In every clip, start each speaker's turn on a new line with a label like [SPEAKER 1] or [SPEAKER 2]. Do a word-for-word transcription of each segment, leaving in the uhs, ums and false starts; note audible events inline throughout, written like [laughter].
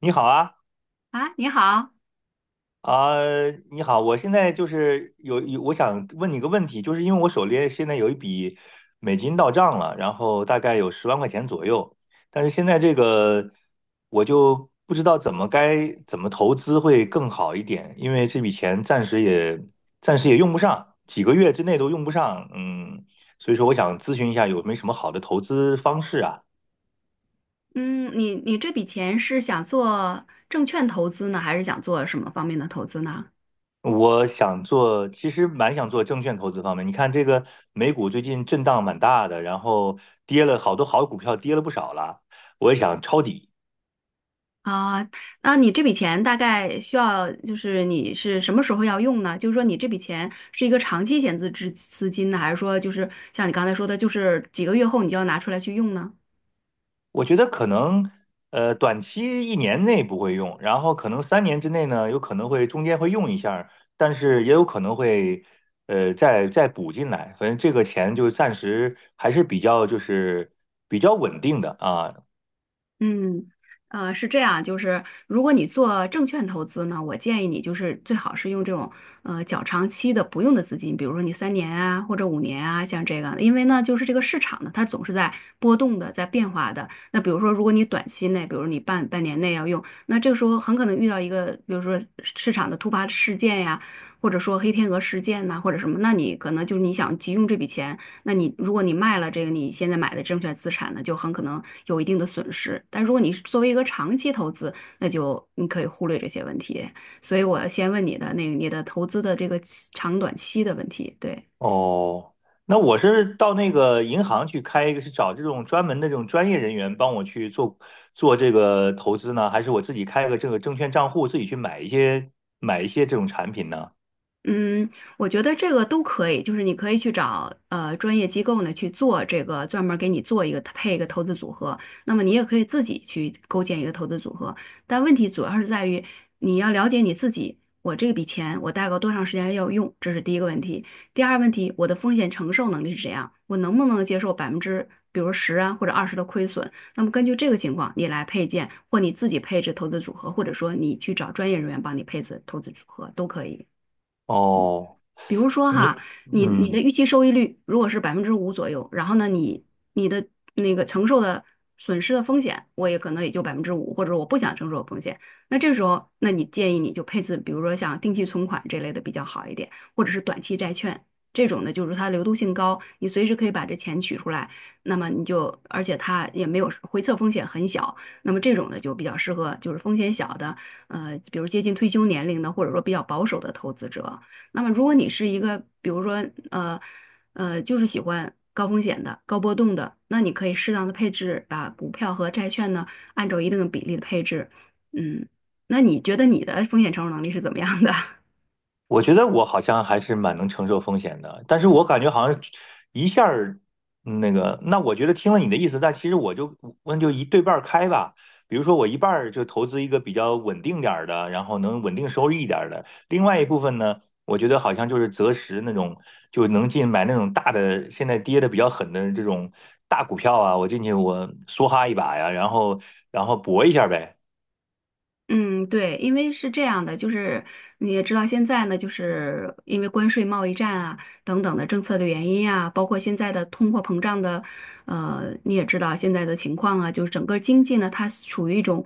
[SPEAKER 1] 你好啊，
[SPEAKER 2] 啊，你好，
[SPEAKER 1] 啊、你好，我现在就是有有，我想问你个问题，就是因为我手里现在有一笔美金到账了，然后大概有十万块钱左右，但是现在这个我就不知道怎么该怎么投资会更好一点，因为这笔钱暂时也暂时也用不上，几个月之内都用不上，嗯，所以说我想咨询一下有没有什么好的投资方式啊？
[SPEAKER 2] 嗯，你你这笔钱是想做证券投资呢，还是想做什么方面的投资呢？
[SPEAKER 1] 我想做，其实蛮想做证券投资方面。你看这个美股最近震荡蛮大的，然后跌了好多好股票，跌了不少了。我也想抄底。
[SPEAKER 2] 啊，那你这笔钱大概需要，就是你是什么时候要用呢？就是说你这笔钱是一个长期闲置资资金呢，还是说就是像你刚才说的，就是几个月后你就要拿出来去用呢？
[SPEAKER 1] 我觉得可能呃短期一年内不会用，然后可能三年之内呢，有可能会中间会用一下儿，但是也有可能会呃再再补进来。反正这个钱就暂时还是比较就是比较稳定的啊。
[SPEAKER 2] 嗯，呃，是这样，就是如果你做证券投资呢，我建议你就是最好是用这种呃较长期的不用的资金，比如说你三年啊或者五年啊，像这个，因为呢就是这个市场呢它总是在波动的，在变化的。那比如说如果你短期内，比如你半半年内要用，那这个时候很可能遇到一个，比如说市场的突发事件呀，或者说黑天鹅事件呐、或者什么，那你可能就是你想急用这笔钱。那你如果你卖了这个你现在买的证券资产呢，就很可能有一定的损失。但如果你是作为一个长期投资，那就你可以忽略这些问题。所以我要先问你的那个你的投资的这个期长短期的问题，对。
[SPEAKER 1] 哦，那我是到那个银行去开一个，是找这种专门的这种专业人员帮我去做做这个投资呢，还是我自己开个这个证券账户，自己去买一些买一些这种产品呢？
[SPEAKER 2] 嗯，我觉得这个都可以，就是你可以去找呃专业机构呢去做这个，专门儿给你做一个配一个投资组合。那么你也可以自己去构建一个投资组合，但问题主要是在于你要了解你自己，我这笔钱我大概多长时间要用，这是第一个问题。第二问题，我的风险承受能力是怎样？我能不能接受百分之比如十啊或者二十的亏损？那么根据这个情况，你来配件或你自己配置投资组合，或者说你去找专业人员帮你配置投资组合都可以。
[SPEAKER 1] 哦，
[SPEAKER 2] 比如说
[SPEAKER 1] 嗯
[SPEAKER 2] 哈，你你的
[SPEAKER 1] 嗯，
[SPEAKER 2] 预期收益率如果是百分之五左右，然后呢，你你的那个承受的损失的风险，我也可能也就百分之五，或者我不想承受的风险。那这时候，那你建议你就配置，比如说像定期存款这类的比较好一点，或者是短期债券这种呢，就是它流动性高，你随时可以把这钱取出来，那么你就而且它也没有回撤风险很小，那么这种呢就比较适合就是风险小的，呃，比如接近退休年龄的，或者说比较保守的投资者。那么如果你是一个，比如说呃呃，就是喜欢高风险的、高波动的，那你可以适当的配置，把股票和债券呢按照一定的比例的配置。嗯，那你觉得你的风险承受能力是怎么样的？[laughs]
[SPEAKER 1] 我觉得我好像还是蛮能承受风险的，但是我感觉好像一下儿嗯那个，那我觉得听了你的意思，但其实我就那就一对半儿开吧。比如说我一半儿就投资一个比较稳定点儿的，然后能稳定收益一点儿的，另外一部分呢，我觉得好像就是择时那种就能进买那种大的，现在跌的比较狠的这种大股票啊，我进去我梭哈一把呀，然后然后搏一下呗。
[SPEAKER 2] 嗯，对，因为是这样的，就是你也知道，现在呢，就是因为关税、贸易战啊等等的政策的原因啊，包括现在的通货膨胀的，呃，你也知道现在的情况啊，就是整个经济呢，它处于一种，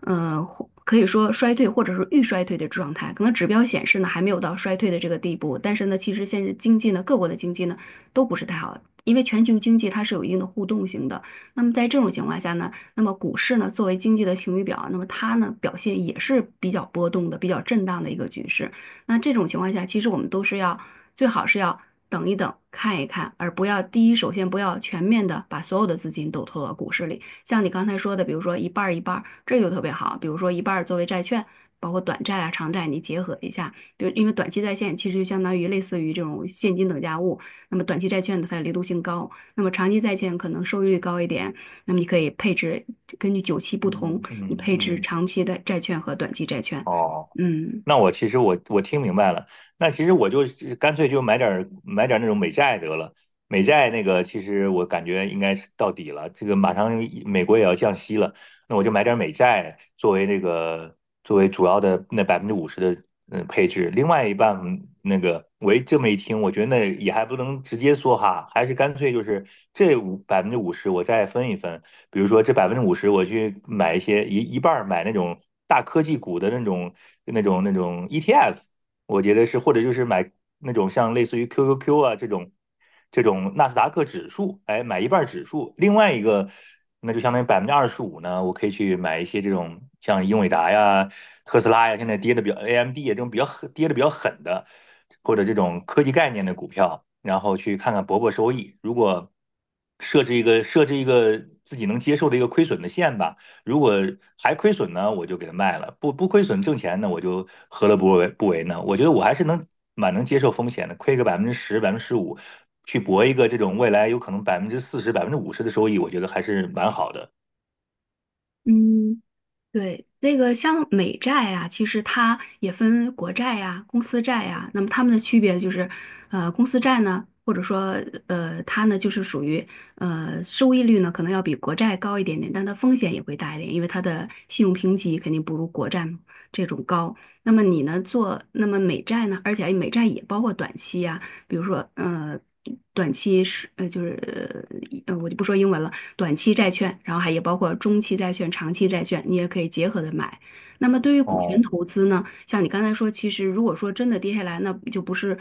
[SPEAKER 2] 呃，或可以说衰退或者是预衰退的状态。可能指标显示呢，还没有到衰退的这个地步，但是呢，其实现在经济呢，各国的经济呢都不是太好，因为全球经济它是有一定的互动性的。那么在这种情况下呢？那么股市呢，作为经济的晴雨表，那么它呢表现也是比较波动的、比较震荡的一个局势。那这种情况下，其实我们都是要最好是要等一等、看一看，而不要第一首先不要全面的把所有的资金都投到股市里。像你刚才说的，比如说一半儿一半儿，这个就特别好。比如说一半儿作为债券，包括短债啊、长债，你结合一下。比如因为短期在线其实就相当于类似于这种现金等价物，那么短期债券呢它的流动性高，那么长期债券可能收益率高一点。那么你可以配置，根据久期不同，
[SPEAKER 1] 嗯，
[SPEAKER 2] 你
[SPEAKER 1] 嗯
[SPEAKER 2] 配置
[SPEAKER 1] 嗯，
[SPEAKER 2] 长期的债券和短期债券。
[SPEAKER 1] 哦。
[SPEAKER 2] 嗯
[SPEAKER 1] 那我其实我我听明白了，那其实我就干脆就买点儿买点儿那种美债得了。美债那个其实我感觉应该是到底了，这个马上美国也要降息了，那我就买点美债作为那个作为主要的那百分之五十的嗯配置，另外一半那个我一这么一听，我觉得那也还不能直接说哈，还是干脆就是这五百分之五十我再分一分，比如说这百分之五十我去买一些一一半儿买那种大科技股的那种那种那种 E T F。我觉得是，或者就是买那种像类似于 Q Q Q 啊这种这种纳斯达克指数，哎，买一半儿指数，另外一个那就相当于百分之二十五呢，我可以去买一些这种像英伟达呀、特斯拉呀，现在跌的比较 A M D 呀这种比较狠跌的比较狠的，或者这种科技概念的股票，然后去看看博博收益。如果设置一个设置一个自己能接受的一个亏损的线吧。如果还亏损呢，我就给它卖了；不不亏损挣钱呢，我就何乐不为不为呢？我觉得我还是能蛮能接受风险的，亏个百分之十、百分之十五，去搏一个这种未来有可能百分之四十、百分之五十的收益，我觉得还是蛮好的。
[SPEAKER 2] 嗯，对，那个像美债啊，其实它也分国债呀、公司债呀。那么它们的区别就是，呃，公司债呢，或者说呃，它呢就是属于呃收益率呢可能要比国债高一点点，但它风险也会大一点，因为它的信用评级肯定不如国债嘛这种高。那么你呢做那么美债呢，而且哎美债也包括短期呀、比如说呃短期是呃就是呃我就不说英文了。短期债券，然后还也包括中期债券、长期债券，你也可以结合着买。那么对于股权
[SPEAKER 1] 哦，
[SPEAKER 2] 投资呢，像你刚才说，其实如果说真的跌下来，那就不是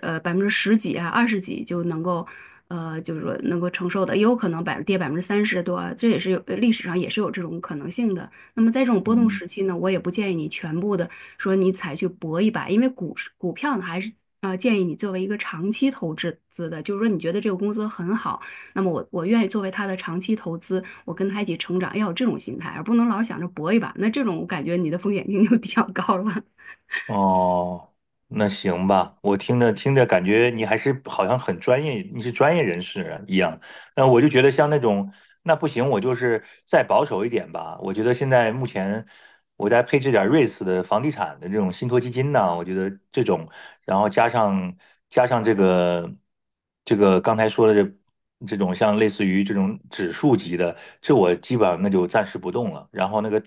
[SPEAKER 2] 呃百分之十几啊、二十几就能够。呃，就是说能够承受的，也有可能百跌百分之三十多啊，这也是有呃历史上也是有这种可能性的。那么在这种波动
[SPEAKER 1] 嗯，
[SPEAKER 2] 时期呢，我也不建议你全部的说你采去搏一把，因为股市股票呢还是呃建议你作为一个长期投资资的，就是说你觉得这个公司很好。那么我我愿意作为他的长期投资，我跟他一起成长，要有这种心态，而不能老想着搏一把。那这种我感觉你的风险性就比较高了。
[SPEAKER 1] 哦，那行吧，我听着听着感觉你还是好像很专业，你是专业人士啊一样。那我就觉得像那种，那不行，我就是再保守一点吧。我觉得现在目前我再配置点瑞士的房地产的这种信托基金呢，我觉得这种然后加上加上这个这个刚才说的这这种像类似于这种指数级的，这我基本上那就暂时不动了。然后那个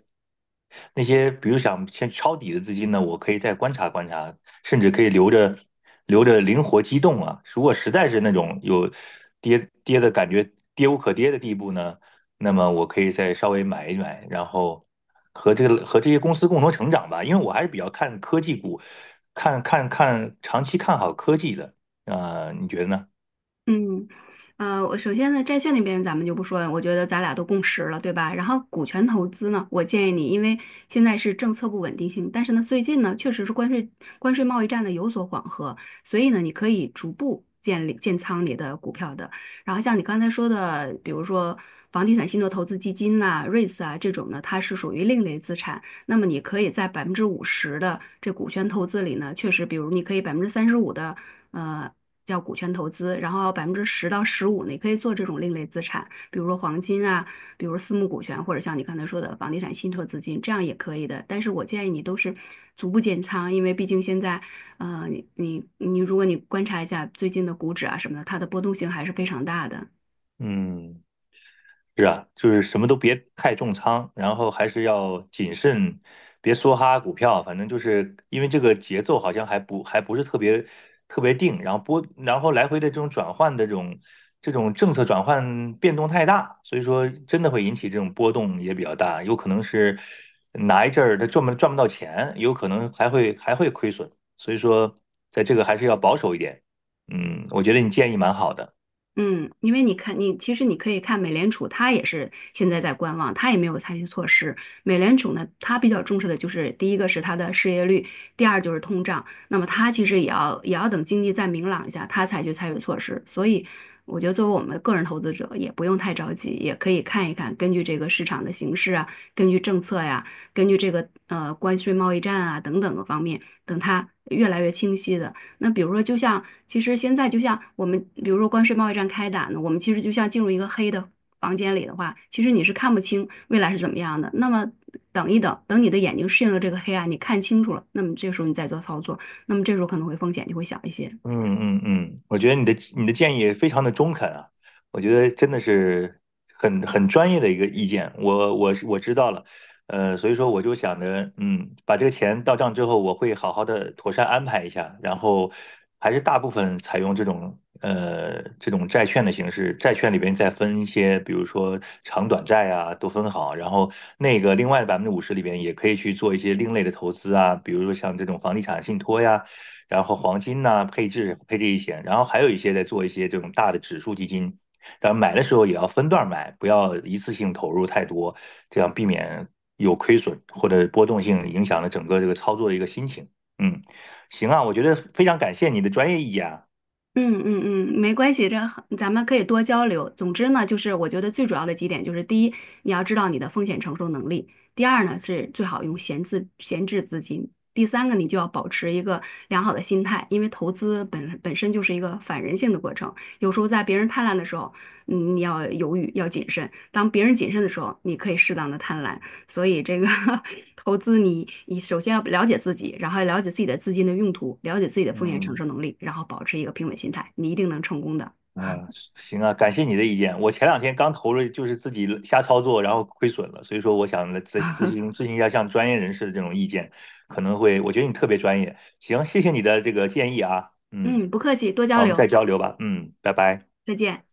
[SPEAKER 1] 那些比如想先抄底的资金呢，我可以再观察观察，甚至可以留着留着灵活机动啊。如果实在是那种有跌跌的感觉，跌无可跌的地步呢，那么我可以再稍微买一买，然后和这个和这些公司共同成长吧，因为我还是比较看科技股，看看看长期看好科技的。啊，你觉得呢？
[SPEAKER 2] 嗯，呃，我首先呢，债券那边咱们就不说了，我觉得咱俩都共识了，对吧？然后股权投资呢，我建议你，因为现在是政策不稳定性，但是呢，最近呢，确实是关税关税贸易战呢有所缓和，所以呢，你可以逐步建立建仓你的股票的。然后像你刚才说的，比如说房地产信托投资基金呐、REITs 啊这种呢，它是属于另类资产。那么你可以在百分之五十的这股权投资里呢，确实，比如你可以百分之三十五的呃叫股权投资，然后百分之十到十五呢你可以做这种另类资产，比如说黄金啊，比如私募股权，或者像你刚才说的房地产信托资金，这样也可以的。但是我建议你都是逐步减仓，因为毕竟现在呃你你你，如果你观察一下最近的股指啊什么的，它的波动性还是非常大的。
[SPEAKER 1] 嗯。是啊，就是什么都别太重仓，然后还是要谨慎，别梭哈股票。反正就是因为这个节奏好像还不还不是特别特别定，然后波然后来回的这种转换的这种这种政策转换变动太大，所以说真的会引起这种波动也比较大，有可能是哪一阵儿它赚不赚不到钱，有可能还会还会亏损。所以说，在这个还是要保守一点。嗯，我觉得你建议蛮好的。
[SPEAKER 2] 嗯，因为你看，你其实你可以看美联储，它也是现在在观望，它也没有采取措施。美联储呢，它比较重视的就是第一个是它的失业率，第二就是通胀。那么它其实也要也要等经济再明朗一下，它才去采取措施。所以，我觉得作为我们个人投资者，也不用太着急，也可以看一看，根据这个市场的形势啊，根据政策呀，根据这个呃关税贸易战啊等等个方面，等它越来越清晰的。那比如说，就像其实现在就像我们，比如说关税贸易战开打呢，我们其实就像进入一个黑的房间里的话，其实你是看不清未来是怎么样的。那么等一等，等你的眼睛适应了这个黑暗，你看清楚了，那么这时候你再做操作，那么这时候可能会风险就会小一些。
[SPEAKER 1] 嗯嗯嗯，我觉得你的你的建议非常的中肯啊，我觉得真的是很很专业的一个意见，我我是我知道了。呃，所以说我就想着，嗯，把这个钱到账之后，我会好好的妥善安排一下，然后还是大部分采用这种呃这种债券的形式，债券里边再分一些，比如说长短债啊，都分好，然后那个另外的百分之五十里边也可以去做一些另类的投资啊，比如说像这种房地产信托呀。然后黄金呐、啊配置配置一些，然后还有一些在做一些这种大的指数基金。当然买的时候也要分段买，不要一次性投入太多，这样避免有亏损或者波动性影响了整个这个操作的一个心情。嗯，行啊，我觉得非常感谢你的专业意见啊。
[SPEAKER 2] 嗯嗯嗯，没关系，这很咱们可以多交流。总之呢，就是我觉得最主要的几点就是：第一，你要知道你的风险承受能力；第二呢，是最好用闲置闲置资金；第三个，你就要保持一个良好的心态，因为投资本本身就是一个反人性的过程。有时候在别人贪婪的时候，嗯，你要犹豫，要谨慎；当别人谨慎的时候，你可以适当的贪婪。所以这个 [laughs] 投资你，你首先要了解自己，然后要了解自己的资金的用途，了解自己的风险承
[SPEAKER 1] 嗯。
[SPEAKER 2] 受能力，然后保持一个平稳心态，你一定能成功的。
[SPEAKER 1] 嗯，
[SPEAKER 2] [laughs]
[SPEAKER 1] 行啊，感谢你的意见。我前两天刚投了，就是自己瞎操作，然后亏损了，所以说我想来咨咨询咨询一下像专业人士的这种意见，可能会，我觉得你特别专业。行，谢谢你的这个建议啊，嗯，
[SPEAKER 2] 嗯，不客气，多交
[SPEAKER 1] 好，我们
[SPEAKER 2] 流，
[SPEAKER 1] 再交流吧，嗯，拜拜。
[SPEAKER 2] 再见。